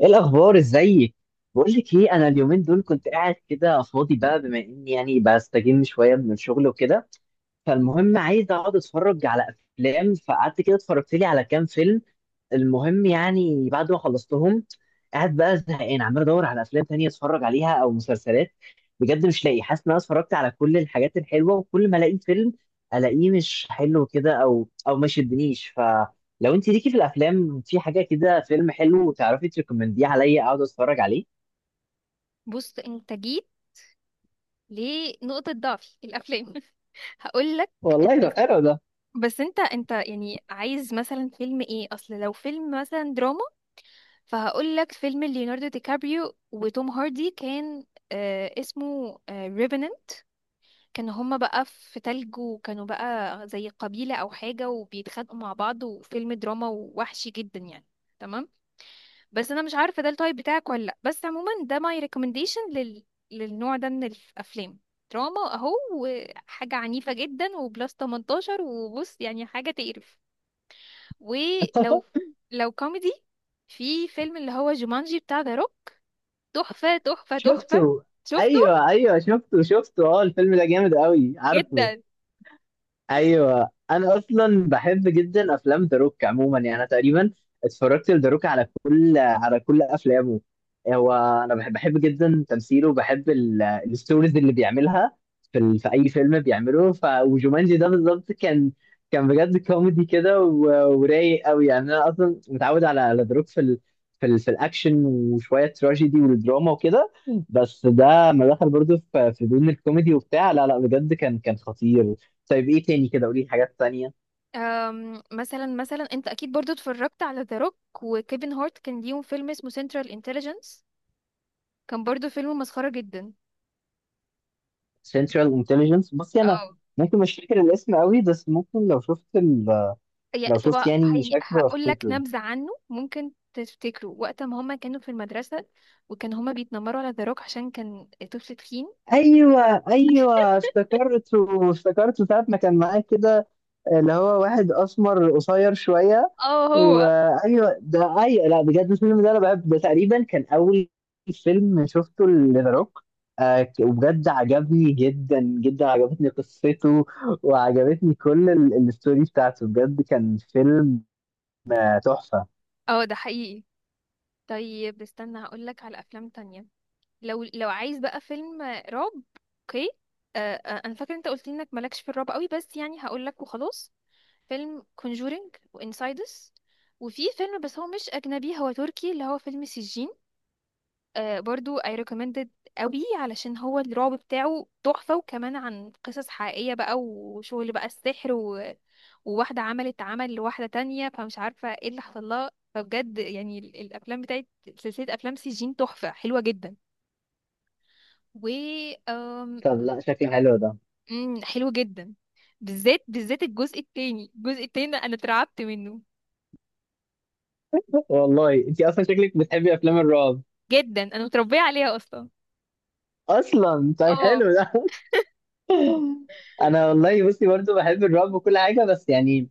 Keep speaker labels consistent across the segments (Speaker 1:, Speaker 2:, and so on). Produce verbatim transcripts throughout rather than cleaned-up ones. Speaker 1: ايه الاخبار؟ ازيك؟ بقول لك ايه، انا اليومين دول كنت قاعد كده فاضي بقى، بما اني يعني بستجم شويه من الشغل وكده. فالمهم عايز اقعد اتفرج على افلام. فقعدت كده اتفرجت لي على كام فيلم. المهم يعني بعد ما خلصتهم قاعد بقى زهقان، عمال ادور على افلام تانية اتفرج عليها او مسلسلات. بجد مش لاقي، حاسس ان انا اتفرجت على كل الحاجات الحلوه، وكل ما الاقي فيلم الاقيه مش حلو كده، او او ما شدنيش. فلو انت ليكي في الافلام في حاجه كده فيلم حلو، تعرفي تريكومنديه عليا اقعد اتفرج عليه.
Speaker 2: بص، انت جيت لنقطة ضعفي الافلام. هقول لك.
Speaker 1: والله ده
Speaker 2: بس
Speaker 1: حلو ده.
Speaker 2: بس انت انت يعني عايز مثلا فيلم ايه؟ اصل لو فيلم مثلا دراما، فهقول لك فيلم ليوناردو دي كابريو وتوم هاردي. كان آه اسمه آه ريفنن. كانوا هما بقى في تلج، وكانوا بقى زي قبيلة او حاجة وبيتخانقوا مع بعض، وفيلم دراما ووحشي جدا يعني. تمام. بس انا مش عارفه ده التايب بتاعك ولا لا، بس عموما ده ماي ريكومنديشن لل... للنوع ده من الافلام. دراما اهو، وحاجه عنيفه جدا وبلس تمنتاشر، وبص يعني حاجه تقرف. ولو لو كوميدي، في فيلم اللي هو جومانجي بتاع ذا روك. تحفه، تحفه،
Speaker 1: شفته؟
Speaker 2: تحفه. شفته.
Speaker 1: ايوه ايوه شفته شفته. اه، الفيلم ده جامد قوي عارفه.
Speaker 2: جدا.
Speaker 1: ايوه، انا اصلا بحب جدا افلام ذا روك عموما. يعني انا تقريبا اتفرجت لذا روك على كل على كل افلامه. هو انا بحب بحب جدا تمثيله، بحب ال- الستوريز اللي بيعملها في ال... في اي فيلم بيعمله. ف وجومانجي ده بالظبط كان كان بجد كوميدي كده، و... ورايق قوي. يعني انا اصلا متعود على ذا روك في ال... في ال... في الاكشن، وشويه تراجيدي والدراما وكده. بس ده ما دخل برضه في في دون الكوميدي وبتاع، لا لا بجد كان كان خطير. طيب ايه تاني كده، قولي لي حاجات تانية.
Speaker 2: أم مثلا مثلا انت اكيد برضو اتفرجت على ذا روك وكيفن هارت، كان ليهم فيلم اسمه سنترال انتليجنس. كان برضو فيلم مسخره جدا.
Speaker 1: Central Intelligence، بصي انا
Speaker 2: اه.
Speaker 1: ممكن مش فاكر الاسم قوي، بس ممكن لو شفت ال...
Speaker 2: يا
Speaker 1: لو
Speaker 2: طب،
Speaker 1: شفت يعني
Speaker 2: يعني
Speaker 1: شكله
Speaker 2: هقول لك
Speaker 1: افتكره.
Speaker 2: نبذة عنه ممكن تفتكره. وقت ما هما كانوا في المدرسة، وكان هما بيتنمروا على ذا روك عشان كان طفل تخين.
Speaker 1: ايوه ايوه افتكرته افتكرته ساعة ما كان معاك كده، اللي هو واحد اسمر قصير شويه.
Speaker 2: اه، هو.
Speaker 1: وايوه ده اي، لا بجد الفيلم ده انا بحب، ده تقريبا كان اول فيلم شفته لذا روك. آه وبجد عجبني جدا جدا، عجبتني قصته وعجبتني كل ال- الستوري بتاعته. بجد كان فيلم آه، تحفه.
Speaker 2: اه ده حقيقي. طيب استنى، هقول لك على أفلام تانية. لو لو عايز بقى فيلم رعب. اوكي. آه آه، انا فاكرة انت قلت لي انك مالكش في الرعب قوي، بس يعني هقول لك وخلاص. فيلم Conjuring وانسايدس. وفي فيلم بس هو مش أجنبي، هو تركي، اللي هو فيلم سجين. آه، برضو I recommended قوي، علشان هو الرعب بتاعه تحفة، وكمان عن قصص حقيقية بقى وشغل بقى السحر و... وواحدة عملت عمل لواحدة تانية، فمش عارفة ايه اللي حصل لها. فبجد يعني ال- الأفلام بتاعت سلسلة أفلام سجين تحفة حلوة جدا و أم...
Speaker 1: طب لا شكله حلو ده.
Speaker 2: أم، حلو جدا. بالذات، بالذات الجزء التاني، الجزء التاني ده أنا اترعبت منه.
Speaker 1: والله انت اصلا شكلك بتحبي افلام الرعب.
Speaker 2: جدا، أنا متربية عليها أصلا.
Speaker 1: اصلا طيب
Speaker 2: اه.
Speaker 1: حلو ده. انا والله بصي برضو بحب الرعب وكل حاجه، بس يعني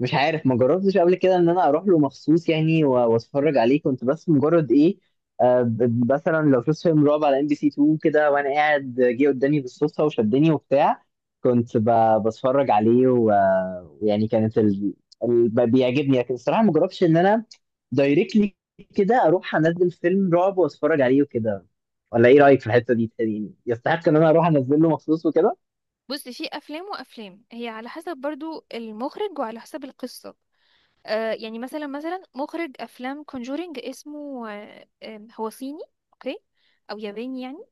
Speaker 1: مش عارف ما جربتش قبل كده ان انا اروح له مخصوص يعني و- واتفرج عليه، كنت بس مجرد ايه. آه، ب- مثلا لو شفت فيلم رعب على إم بي سي اتنين كده وانا قاعد جه قدامي بالصدفه وشدني وبتاع. كنت ب- بتفرج عليه و- ويعني كانت ال... ال... ب- بيعجبني، لكن الصراحه ما جربتش ان انا دايركتلي كده اروح انزل فيلم رعب واتفرج عليه وكده. ولا ايه رايك في الحته دي؟ يعني يستحق ان انا اروح انزل له مخصوص وكده؟
Speaker 2: بص، في أفلام وأفلام، هي على حسب برضو المخرج وعلى حسب القصة. آه يعني مثلا مثلا مخرج افلام كونجورينج، اسمه آه آه، هو صيني. اوكي. او ياباني يعني.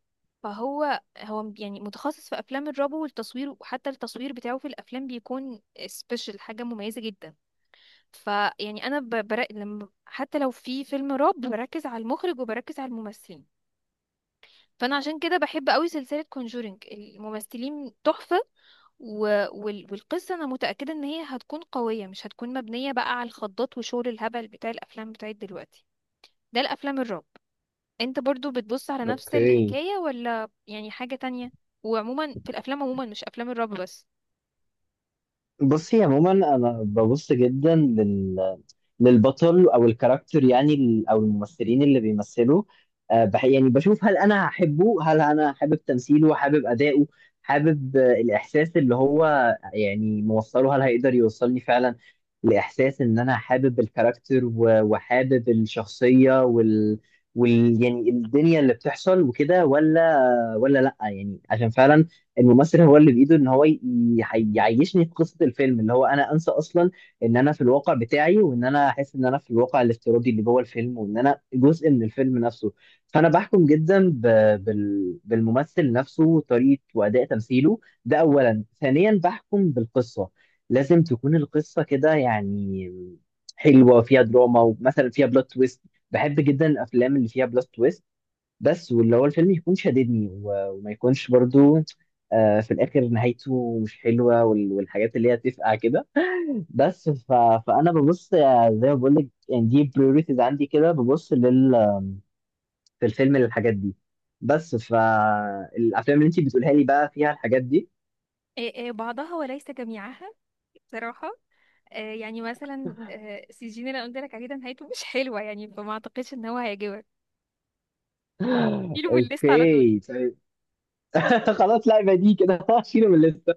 Speaker 2: فهو هو يعني متخصص في افلام الرعب والتصوير، وحتى التصوير بتاعه في الافلام بيكون سبيشال، حاجه مميزه جدا. فيعني انا ب- برا... لما حتى لو في فيلم رعب بركز على المخرج وبركز على الممثلين. فانا عشان كده بحب قوي سلسله كونجورينج، الممثلين تحفه. و... وال... والقصه انا متاكده ان هي هتكون قويه، مش هتكون مبنيه بقى على الخضات وشغل الهبل بتاع الافلام بتاعت دلوقتي، ده الافلام الرعب. انت برضو بتبص على نفس
Speaker 1: اوكي.
Speaker 2: الحكايه ولا يعني حاجه تانية؟ وعموما في الافلام عموما، مش افلام الرعب بس.
Speaker 1: بصي عموما انا ببص جدا لل للبطل او الكاركتر، يعني ال- او الممثلين اللي بيمثلوا. آه، بح- يعني بشوف هل انا هحبه، هل انا حابب تمثيله، حابب اداؤه، حابب آه، الاحساس اللي هو يعني موصله. هل هيقدر يوصلني فعلا لاحساس ان انا حابب الكاركتر و- وحابب الشخصية وال وال يعني الدنيا اللي بتحصل وكده، ولا ولا لا يعني. عشان فعلا الممثل هو اللي بايده ان هو ي- ي- يعيشني في قصه الفيلم، اللي هو انا انسى اصلا ان انا في الواقع بتاعي وان انا احس ان انا في الواقع الافتراضي اللي جوه الفيلم، وان انا جزء من الفيلم نفسه. فانا بحكم جدا ب... بال... بالممثل نفسه، طريقه واداء تمثيله، ده اولا. ثانيا بحكم بالقصه، لازم تكون القصه كده يعني حلوه فيها دراما، ومثلا فيها بلوت تويست. بحب جدا الافلام اللي فيها بلوت تويست. بس واللي هو الفيلم يكون شاددني و- وما يكونش برضو آه، في الاخر نهايته مش حلوه وال- والحاجات اللي هي تفقع كده. بس ف... فانا ببص آه، زي ما بقول لك، يعني دي بريوريتيز عندي كده، ببص لل... في الفيلم للحاجات دي. بس فالافلام اللي انت بتقولها لي بقى فيها الحاجات دي؟
Speaker 2: إيه إيه بعضها وليس جميعها بصراحة. آه، يعني مثلا آه، سجين اللي أنا قلت لك عليه ده نهايته مش حلوة، يعني فما أعتقدش إن هو هيعجبك. شيله من الليست على طول.
Speaker 1: اوكي طيب. خلاص، لا يبقى دي كده، شيله من الليسته.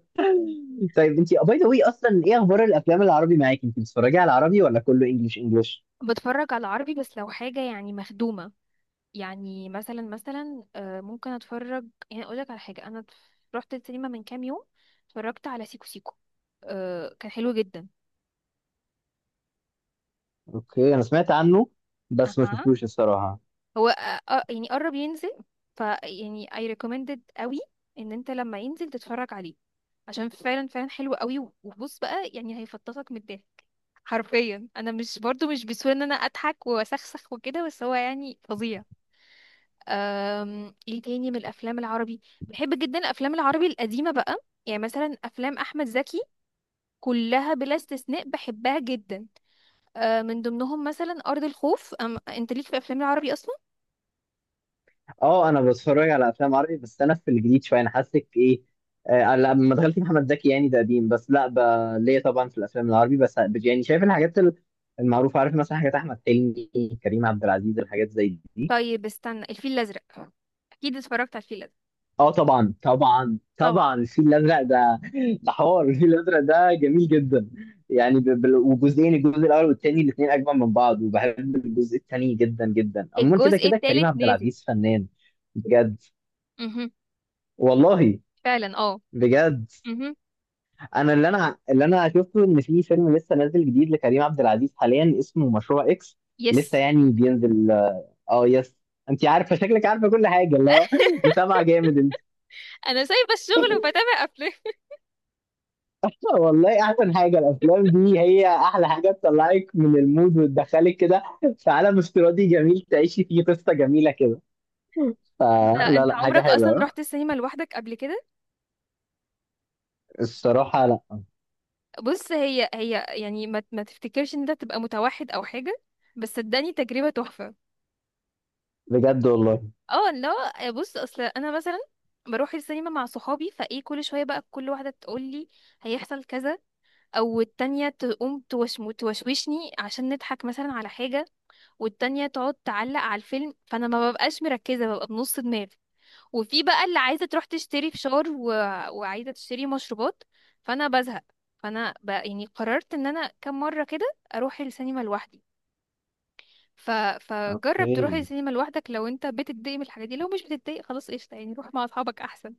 Speaker 1: طيب انت باي ذا واي اصلا ايه اخبار الافلام العربي معاكي؟ انت بتتفرجي على العربي ولا كله انجلش انجلش؟
Speaker 2: بتفرج على عربي، بس لو حاجة يعني مخدومة. يعني مثلا مثلا آه، ممكن اتفرج، يعني اقول لك على حاجة. انا رحت السينما من كام يوم، اتفرجت على سيكو سيكو. آه، كان حلو جدا.
Speaker 1: اوكي انا سمعت عنه، بس ما
Speaker 2: اها.
Speaker 1: شفتوش الصراحه.
Speaker 2: هو آه، آه، يعني قرب ينزل، ف يعني I recommended قوي ان انت لما ينزل تتفرج عليه. عشان فعلا فعلا حلو قوي. وبص بقى يعني هيفطسك من الضحك حرفيا. انا مش برضو مش بسهولة ان انا اضحك واسخسخ وكده، بس هو يعني فظيع. أم، ايه تاني من الافلام العربي؟ بحب جدا الافلام العربي القديمه بقى. يعني مثلا افلام احمد زكي، كلها بلا استثناء بحبها جدا. أه، من ضمنهم مثلا ارض الخوف. أم انت ليك في افلام العربي اصلا؟
Speaker 1: اه، انا بتفرج على افلام عربي، بس انا في الجديد شويه انا حاسك ايه. آه لما دخلت محمد زكي يعني ده قديم، بس لا ب... ليا طبعا في الافلام العربي، بس يعني شايف الحاجات ال- المعروفه، عارف مثلا حاجات احمد حلمي، كريم عبد العزيز، الحاجات زي دي.
Speaker 2: طيب استنى، الفيل الازرق. اكيد اتفرجت على الفيل الازرق.
Speaker 1: اه طبعا طبعا
Speaker 2: طبعا.
Speaker 1: طبعا الفيل الازرق ده. ده حوار الفيل الازرق ده جميل جدا، يعني ب... ب... وجزئين، الجزء الاول والثاني الاثنين اجمل من بعض، وبحب الجزء الثاني جدا جدا. عموما كده
Speaker 2: الجزء
Speaker 1: كده كريم
Speaker 2: الثالث
Speaker 1: عبد
Speaker 2: نازل.
Speaker 1: العزيز فنان. بجد؟
Speaker 2: امم.
Speaker 1: والله.
Speaker 2: فعلا اه.
Speaker 1: بجد.
Speaker 2: امم.
Speaker 1: انا اللي انا اللي انا شفته ان في فيلم لسه نازل جديد لكريم عبد العزيز حاليا، اسمه مشروع اكس.
Speaker 2: يس.
Speaker 1: لسه يعني بينزل. اه يس. انت عارفه شكلك عارفه كل حاجه، اللي هو متابعه جامد انت.
Speaker 2: انا سايبه الشغل وبتابع افلام.
Speaker 1: والله احسن حاجه، الافلام دي هي احلى حاجه تطلعك من المود وتدخلك كده في عالم افتراضي جميل تعيشي فيه قصه جميله كده.
Speaker 2: انت
Speaker 1: فلا
Speaker 2: انت
Speaker 1: لا حاجه
Speaker 2: عمرك اصلا
Speaker 1: حلوه.
Speaker 2: رحت السينما لوحدك قبل كده؟
Speaker 1: الصراحه لا.
Speaker 2: بص، هي هي يعني ما ما تفتكرش ان انت تبقى متوحد او حاجه، بس صدقني تجربه تحفه.
Speaker 1: بجد والله.
Speaker 2: اه لا بص، اصل انا مثلا بروح السينما مع صحابي، فايه كل شويه بقى كل واحده تقول لي هيحصل كذا، او التانية تقوم توشم توشوشني عشان نضحك مثلا على حاجه، والتانية تقعد تعلق على الفيلم، فانا ما ببقاش مركزه، ببقى بنص دماغ. وفي بقى اللي عايزة تروح تشتري فشار و... وعايزة تشتري مشروبات. فأنا بزهق. فأنا بقى يعني قررت إن أنا كم مرة كده أروح السينما لوحدي. ف... فجرب تروح
Speaker 1: اوكي.
Speaker 2: السينما لوحدك لو أنت بتتضايق من الحاجات دي. لو مش بتتضايق، خلاص قشطة يعني، روح مع أصحابك أحسن.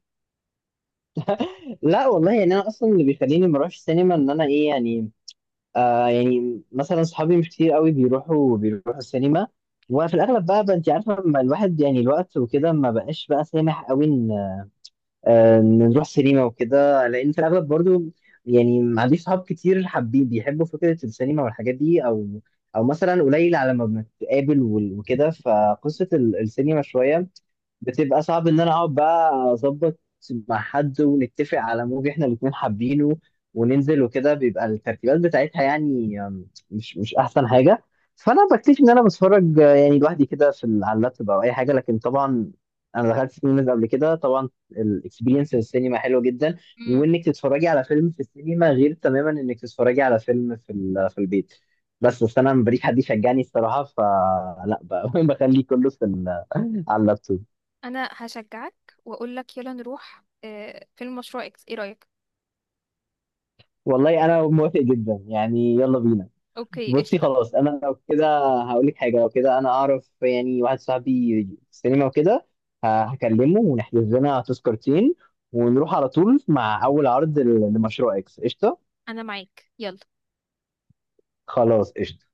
Speaker 1: لا والله يعني انا اصلا اللي بيخليني ما اروحش السينما ان انا ايه يعني. آه يعني مثلا صحابي مش كتير قوي بيروحوا بيروحوا السينما، وفي الاغلب بقى, بقى انت عارفه لما الواحد يعني الوقت وكده ما بقاش بقى سامح قوي آه، نروح سينما وكده، لان في الاغلب برضو يعني ما عنديش صحاب كتير حابين بيحبوا فكره السينما والحاجات دي، او او مثلا قليل على ما بنتقابل وال- وكده. فقصه ال- السينما شويه بتبقى صعب ان انا اقعد بقى اظبط مع حد ونتفق على موفي احنا الاتنين حابينه وننزل وكده، بيبقى الترتيبات بتاعتها يعني آم، مش مش احسن حاجه. فانا بكتشف ان انا بتفرج آه، يعني لوحدي كده في ال- على اللابتوب او اي حاجه، لكن طبعا انا دخلت سينما قبل كده طبعا، الاكسبيرينس السينما حلوه جدا.
Speaker 2: امم.
Speaker 1: وانك تتفرجي على فيلم في السينما غير تماما انك تتفرجي على فيلم في ال- في البيت. بس بس انا مبريش حد يشجعني الصراحه، فلا ب- بخليه كله في ال- على اللابتوب.
Speaker 2: أنا هشجعك وأقولك يلا نروح آه، فيلم مشروع إكس، إيه رأيك؟
Speaker 1: والله انا موافق جدا يعني، يلا بينا.
Speaker 2: أوكي
Speaker 1: بصي
Speaker 2: قشطة.
Speaker 1: خلاص، انا لو كده هقول لك حاجه، لو كده انا اعرف يعني واحد صاحبي في السينما وكده، ه- هكلمه ونحجز لنا تذكرتين ونروح على طول مع اول عرض ل- لمشروع اكس قشطه.
Speaker 2: أنا معاك، يلا.
Speaker 1: خلاص قشطه.